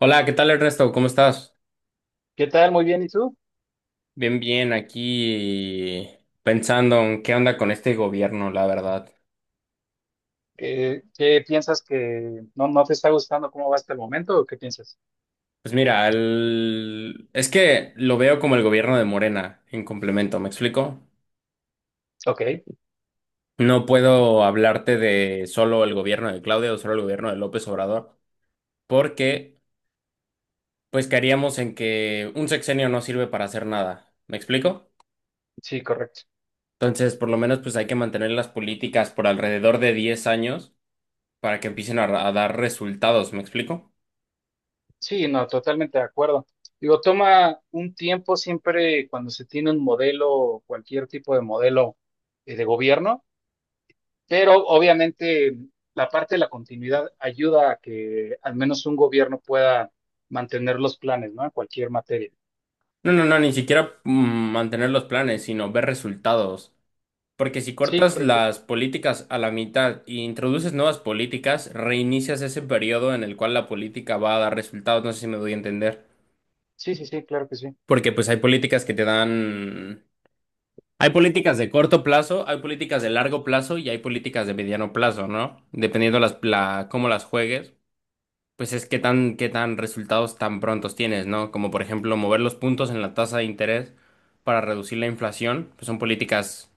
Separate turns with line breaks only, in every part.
Hola, ¿qué tal Ernesto? ¿Cómo estás?
¿Qué tal? Muy bien. ¿Y tú?
Bien, bien, aquí pensando en qué onda con este gobierno, la verdad.
¿Qué piensas que no te está gustando cómo va hasta el momento o qué piensas?
Pues mira, es que lo veo como el gobierno de Morena, en complemento, ¿me explico?
Ok,
No puedo hablarte de solo el gobierno de Claudia o solo el gobierno de López Obrador, porque pues caeríamos en que un sexenio no sirve para hacer nada, ¿me explico?
sí, correcto.
Entonces, por lo menos pues hay que mantener las políticas por alrededor de 10 años para que empiecen a dar resultados, ¿me explico?
Sí, no, totalmente de acuerdo. Digo, toma un tiempo siempre cuando se tiene un modelo, cualquier tipo de modelo de gobierno, pero obviamente la parte de la continuidad ayuda a que al menos un gobierno pueda mantener los planes, ¿no? En cualquier materia.
No, no, no, ni siquiera mantener los planes, sino ver resultados. Porque si
Sí,
cortas
correcto.
las políticas a la mitad e introduces nuevas políticas, reinicias ese periodo en el cual la política va a dar resultados. No sé si me doy a entender.
Sí, sí, sí, claro que sí.
Porque pues hay políticas que te dan... Hay políticas de corto plazo, hay políticas de largo plazo y hay políticas de mediano plazo, ¿no? Dependiendo cómo las juegues. Pues es que qué tan resultados tan prontos tienes, ¿no? Como por ejemplo mover los puntos en la tasa de interés para reducir la inflación, pues son políticas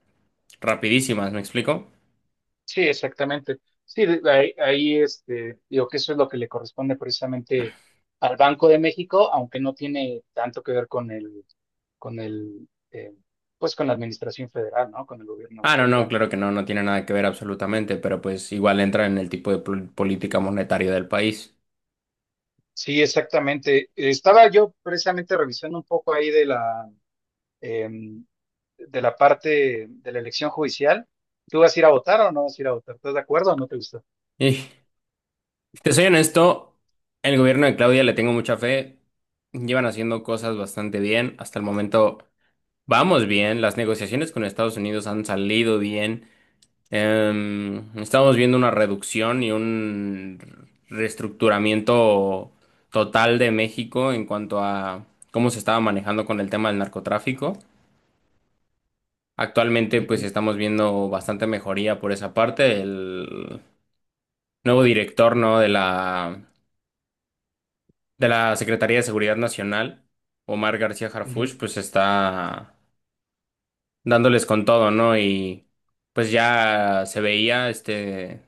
rapidísimas, ¿me explico?
Sí, exactamente. Sí, ahí, este, digo que eso es lo que le corresponde precisamente al Banco de México, aunque no tiene tanto que ver con el, pues con la administración federal, ¿no? Con el gobierno
Ah, no,
tal
no,
cual.
claro que no, no tiene nada que ver absolutamente, pero pues igual entra en el tipo de política monetaria del país.
Sí, exactamente. Estaba yo precisamente revisando un poco ahí de la, em, de la parte de la elección judicial. ¿Tú vas a ir a votar o no vas a ir a votar? ¿Estás de acuerdo o no te gusta?
Y si te soy honesto, el gobierno de Claudia le tengo mucha fe, llevan haciendo cosas bastante bien, hasta el momento vamos bien, las negociaciones con Estados Unidos han salido bien. Estamos viendo una reducción y un reestructuramiento total de México en cuanto a cómo se estaba manejando con el tema del narcotráfico. Actualmente, pues
Ujú,
estamos viendo bastante mejoría por esa parte. El nuevo director, ¿no? De la Secretaría de Seguridad Nacional, Omar García
ujú,
Harfuch, pues está dándoles con todo, ¿no? Y pues ya se veía este.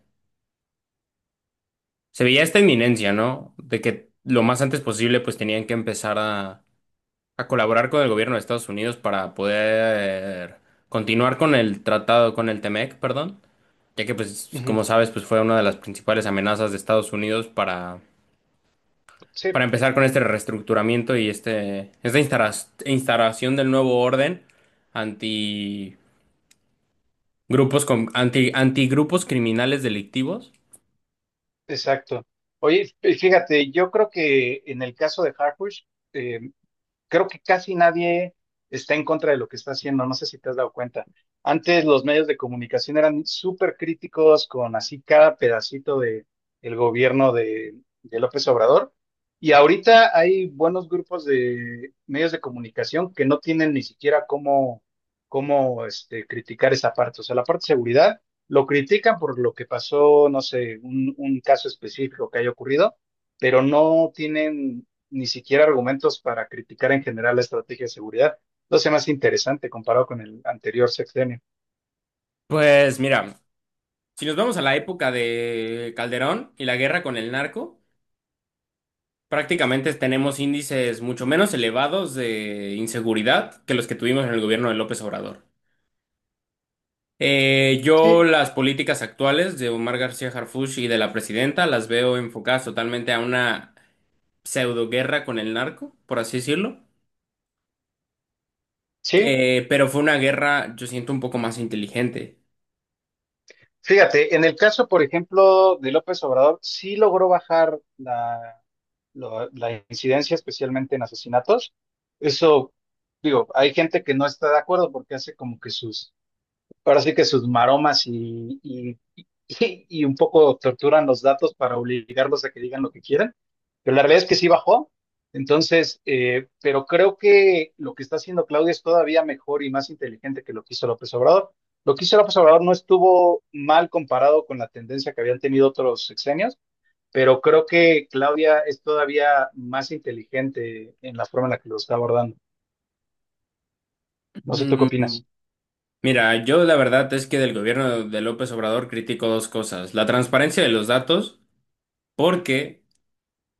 Se veía esta inminencia, ¿no? De que lo más antes posible pues tenían que a colaborar con el gobierno de Estados Unidos para poder continuar con el tratado, con el Temec, perdón, ya que pues como
ujú.
sabes pues fue una de las principales amenazas de Estados Unidos
Sí.
para empezar con este reestructuramiento y esta instalación del nuevo orden anti antigrupos criminales delictivos.
Exacto. Oye, fíjate, yo creo que en el caso de Harkush, creo que casi nadie está en contra de lo que está haciendo, no sé si te has dado cuenta. Antes los medios de comunicación eran súper críticos con así cada pedacito de el gobierno de López Obrador y ahorita hay buenos grupos de medios de comunicación que no tienen ni siquiera cómo, cómo este, criticar esa parte, o sea, la parte de seguridad lo critican por lo que pasó, no sé, un caso específico que haya ocurrido, pero no tienen ni siquiera argumentos para criticar en general la estrategia de seguridad. Lo hace más interesante comparado con el anterior sexenio.
Pues mira. Si nos vamos a la época de Calderón y la guerra con el narco, prácticamente tenemos índices mucho menos elevados de inseguridad que los que tuvimos en el gobierno de López Obrador. Yo
Sí,
las políticas actuales de Omar García Harfuch y de la presidenta las veo enfocadas totalmente a una pseudo guerra con el narco, por así decirlo.
sí.
Pero fue una guerra, yo siento, un poco más inteligente.
Fíjate, en el caso, por ejemplo, de López Obrador, sí logró bajar la, la incidencia, especialmente en asesinatos. Eso, digo, hay gente que no está de acuerdo porque hace como que sus ahora sí que sus maromas y un poco torturan los datos para obligarlos a que digan lo que quieran, pero la realidad es que sí bajó. Entonces, pero creo que lo que está haciendo Claudia es todavía mejor y más inteligente que lo que hizo López Obrador. Lo que hizo López Obrador no estuvo mal comparado con la tendencia que habían tenido otros sexenios, pero creo que Claudia es todavía más inteligente en la forma en la que lo está abordando. No sé, ¿tú qué
Mm,
opinas?
Mira, yo la verdad es que del gobierno de López Obrador critico dos cosas, la transparencia de los datos porque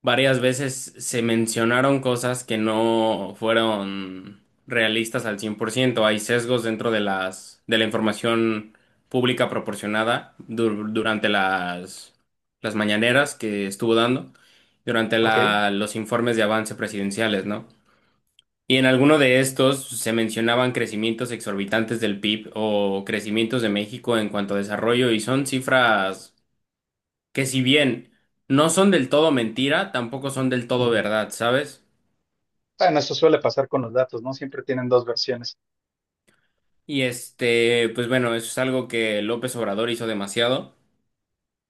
varias veces se mencionaron cosas que no fueron realistas al 100%. Hay sesgos dentro de las de la información pública proporcionada durante las mañaneras que estuvo dando, durante
Ok.
los informes de avance presidenciales, ¿no? Y en alguno de estos se mencionaban crecimientos exorbitantes del PIB o crecimientos de México en cuanto a desarrollo y son cifras que si bien no son del todo mentira, tampoco son del todo
Ujú.
verdad, ¿sabes?
Bueno, eso suele pasar con los datos, ¿no? Siempre tienen dos versiones.
Y este, pues bueno, eso es algo que López Obrador hizo demasiado.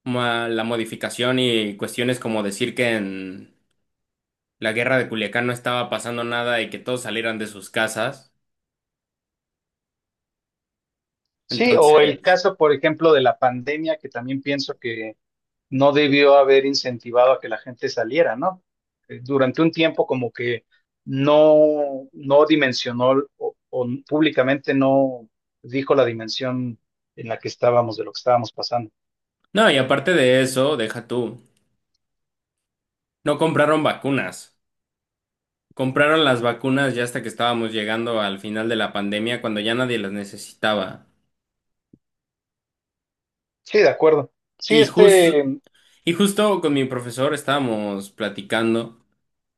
La modificación y cuestiones como decir que en la guerra de Culiacán no estaba pasando nada y que todos salieran de sus casas.
Sí, o el
Entonces,
caso, por ejemplo, de la pandemia, que también pienso que no debió haber incentivado a que la gente saliera, ¿no? Durante un tiempo como que no, no dimensionó o públicamente no dijo la dimensión en la que estábamos, de lo que estábamos pasando.
no, y aparte de eso, deja tú, no compraron vacunas. Compraron las vacunas ya hasta que estábamos llegando al final de la pandemia, cuando ya nadie las necesitaba.
Sí, de acuerdo. Sí,
Y justo,
este.
Y justo con mi profesor estábamos platicando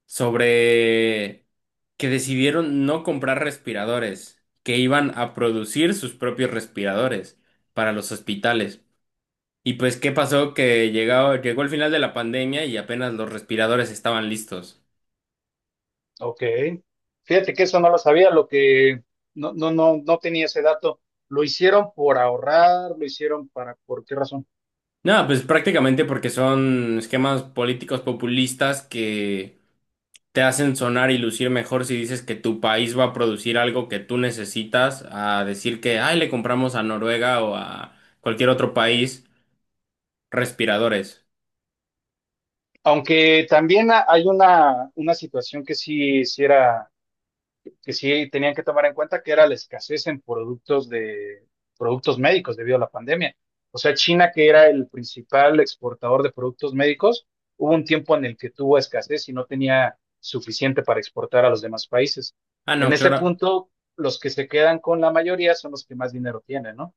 sobre que decidieron no comprar respiradores, que iban a producir sus propios respiradores para los hospitales. Y pues, ¿qué pasó? Que llegó el final de la pandemia y apenas los respiradores estaban listos.
Ok. Fíjate que eso no lo sabía, lo que no, no, no, no tenía ese dato. Lo hicieron por ahorrar, lo hicieron para, ¿por qué razón?
Nada, pues prácticamente porque son esquemas políticos populistas que te hacen sonar y lucir mejor si dices que tu país va a producir algo que tú necesitas, a decir que, ay, le compramos a Noruega o a cualquier otro país respiradores.
Aunque también hay una situación que sí, hiciera que sí tenían que tomar en cuenta que era la escasez en productos de productos médicos debido a la pandemia. O sea, China, que era el principal exportador de productos médicos, hubo un tiempo en el que tuvo escasez y no tenía suficiente para exportar a los demás países.
Ah, no,
En ese
claro.
punto, los que se quedan con la mayoría son los que más dinero tienen, ¿no?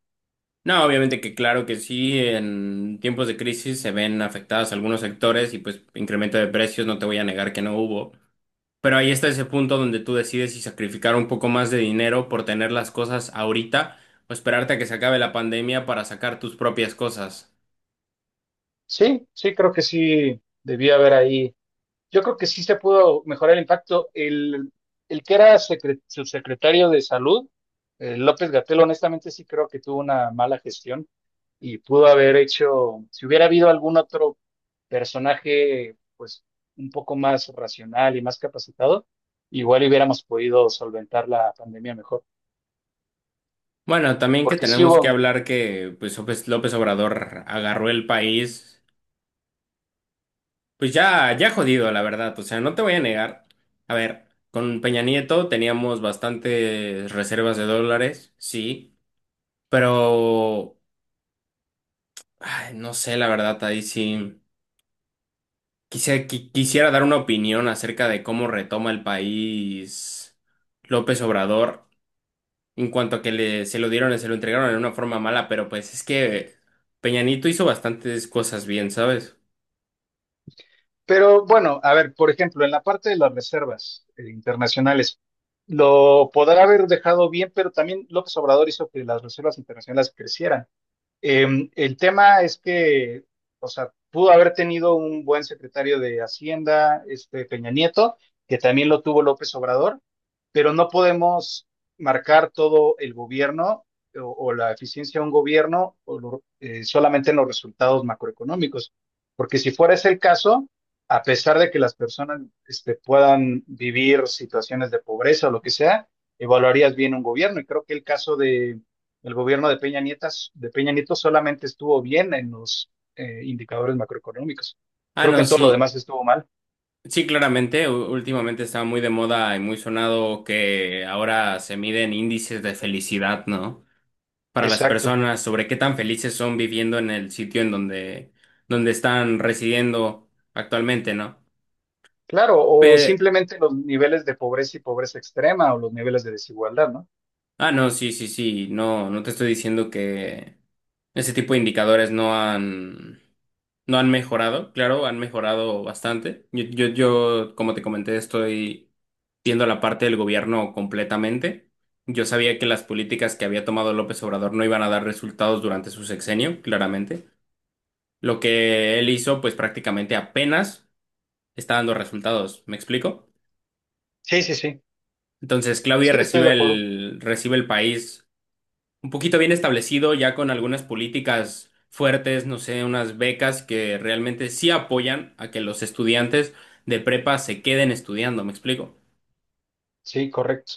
No, obviamente que claro que sí, en tiempos de crisis se ven afectados algunos sectores y pues incremento de precios, no te voy a negar que no hubo. Pero ahí está ese punto donde tú decides si sacrificar un poco más de dinero por tener las cosas ahorita o esperarte a que se acabe la pandemia para sacar tus propias cosas.
Sí, sí, creo que sí debía haber ahí yo creo que sí se pudo mejorar el impacto. El que era subsecretario de salud, López Gatel, honestamente sí creo que tuvo una mala gestión y pudo haber hecho, si hubiera habido algún otro personaje, pues un poco más racional y más capacitado, igual hubiéramos podido solventar la pandemia mejor.
Bueno, también que
Porque sí
tenemos que
hubo.
hablar que pues López Obrador agarró el país, pues ya, ya jodido, la verdad. O sea, no te voy a negar. A ver, con Peña Nieto teníamos bastantes reservas de dólares, sí, pero ay, no sé, la verdad, ahí sí. Quisiera dar una opinión acerca de cómo retoma el país López Obrador en cuanto a se lo dieron, se lo entregaron en una forma mala, pero pues es que Peñanito hizo bastantes cosas bien, ¿sabes?
Pero bueno, a ver, por ejemplo, en la parte de las reservas internacionales, lo podrá haber dejado bien, pero también López Obrador hizo que las reservas internacionales crecieran. El tema es que, o sea, pudo haber tenido un buen secretario de Hacienda, este Peña Nieto, que también lo tuvo López Obrador, pero no podemos marcar todo el gobierno o la eficiencia de un gobierno o solamente en los resultados macroeconómicos, porque si fuera ese el caso, a pesar de que las personas este, puedan vivir situaciones de pobreza o lo que sea, evaluarías bien un gobierno. Y creo que el caso de el gobierno de Peña Nieto solamente estuvo bien en los indicadores macroeconómicos.
Ah,
Creo que
no,
en todo lo
sí,
demás estuvo mal.
sí, claramente, últimamente estaba muy de moda y muy sonado que ahora se miden índices de felicidad, ¿no? Para las
Exacto.
personas sobre qué tan felices son viviendo en el sitio donde están residiendo actualmente, ¿no?
Claro, o
Pero,
simplemente los niveles de pobreza y pobreza extrema o los niveles de desigualdad, ¿no?
ah, no, sí, sí, sí, no, no te estoy diciendo que ese tipo de indicadores no han mejorado, claro, han mejorado bastante. Yo, como te comenté, estoy viendo la parte del gobierno completamente. Yo sabía que las políticas que había tomado López Obrador no iban a dar resultados durante su sexenio, claramente. Lo que él hizo, pues prácticamente apenas está dando resultados. ¿Me explico?
Sí, sí, sí.
Entonces, Claudia
Sí, estoy de acuerdo.
recibe el país un poquito bien establecido, ya con algunas políticas fuertes, no sé, unas becas que realmente sí apoyan a que los estudiantes de prepa se queden estudiando, ¿me explico?
Sí, correcto.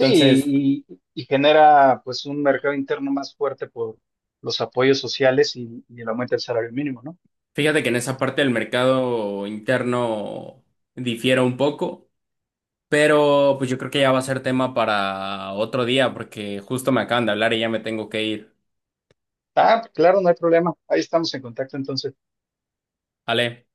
Entonces,
y genera pues un mercado interno más fuerte por los apoyos sociales y el aumento del salario mínimo, ¿no?
fíjate que en esa parte del mercado interno difiere un poco, pero pues yo creo que ya va a ser tema para otro día, porque justo me acaban de hablar y ya me tengo que ir.
Ah, claro, no hay problema. Ahí estamos en contacto entonces.
¿Vale?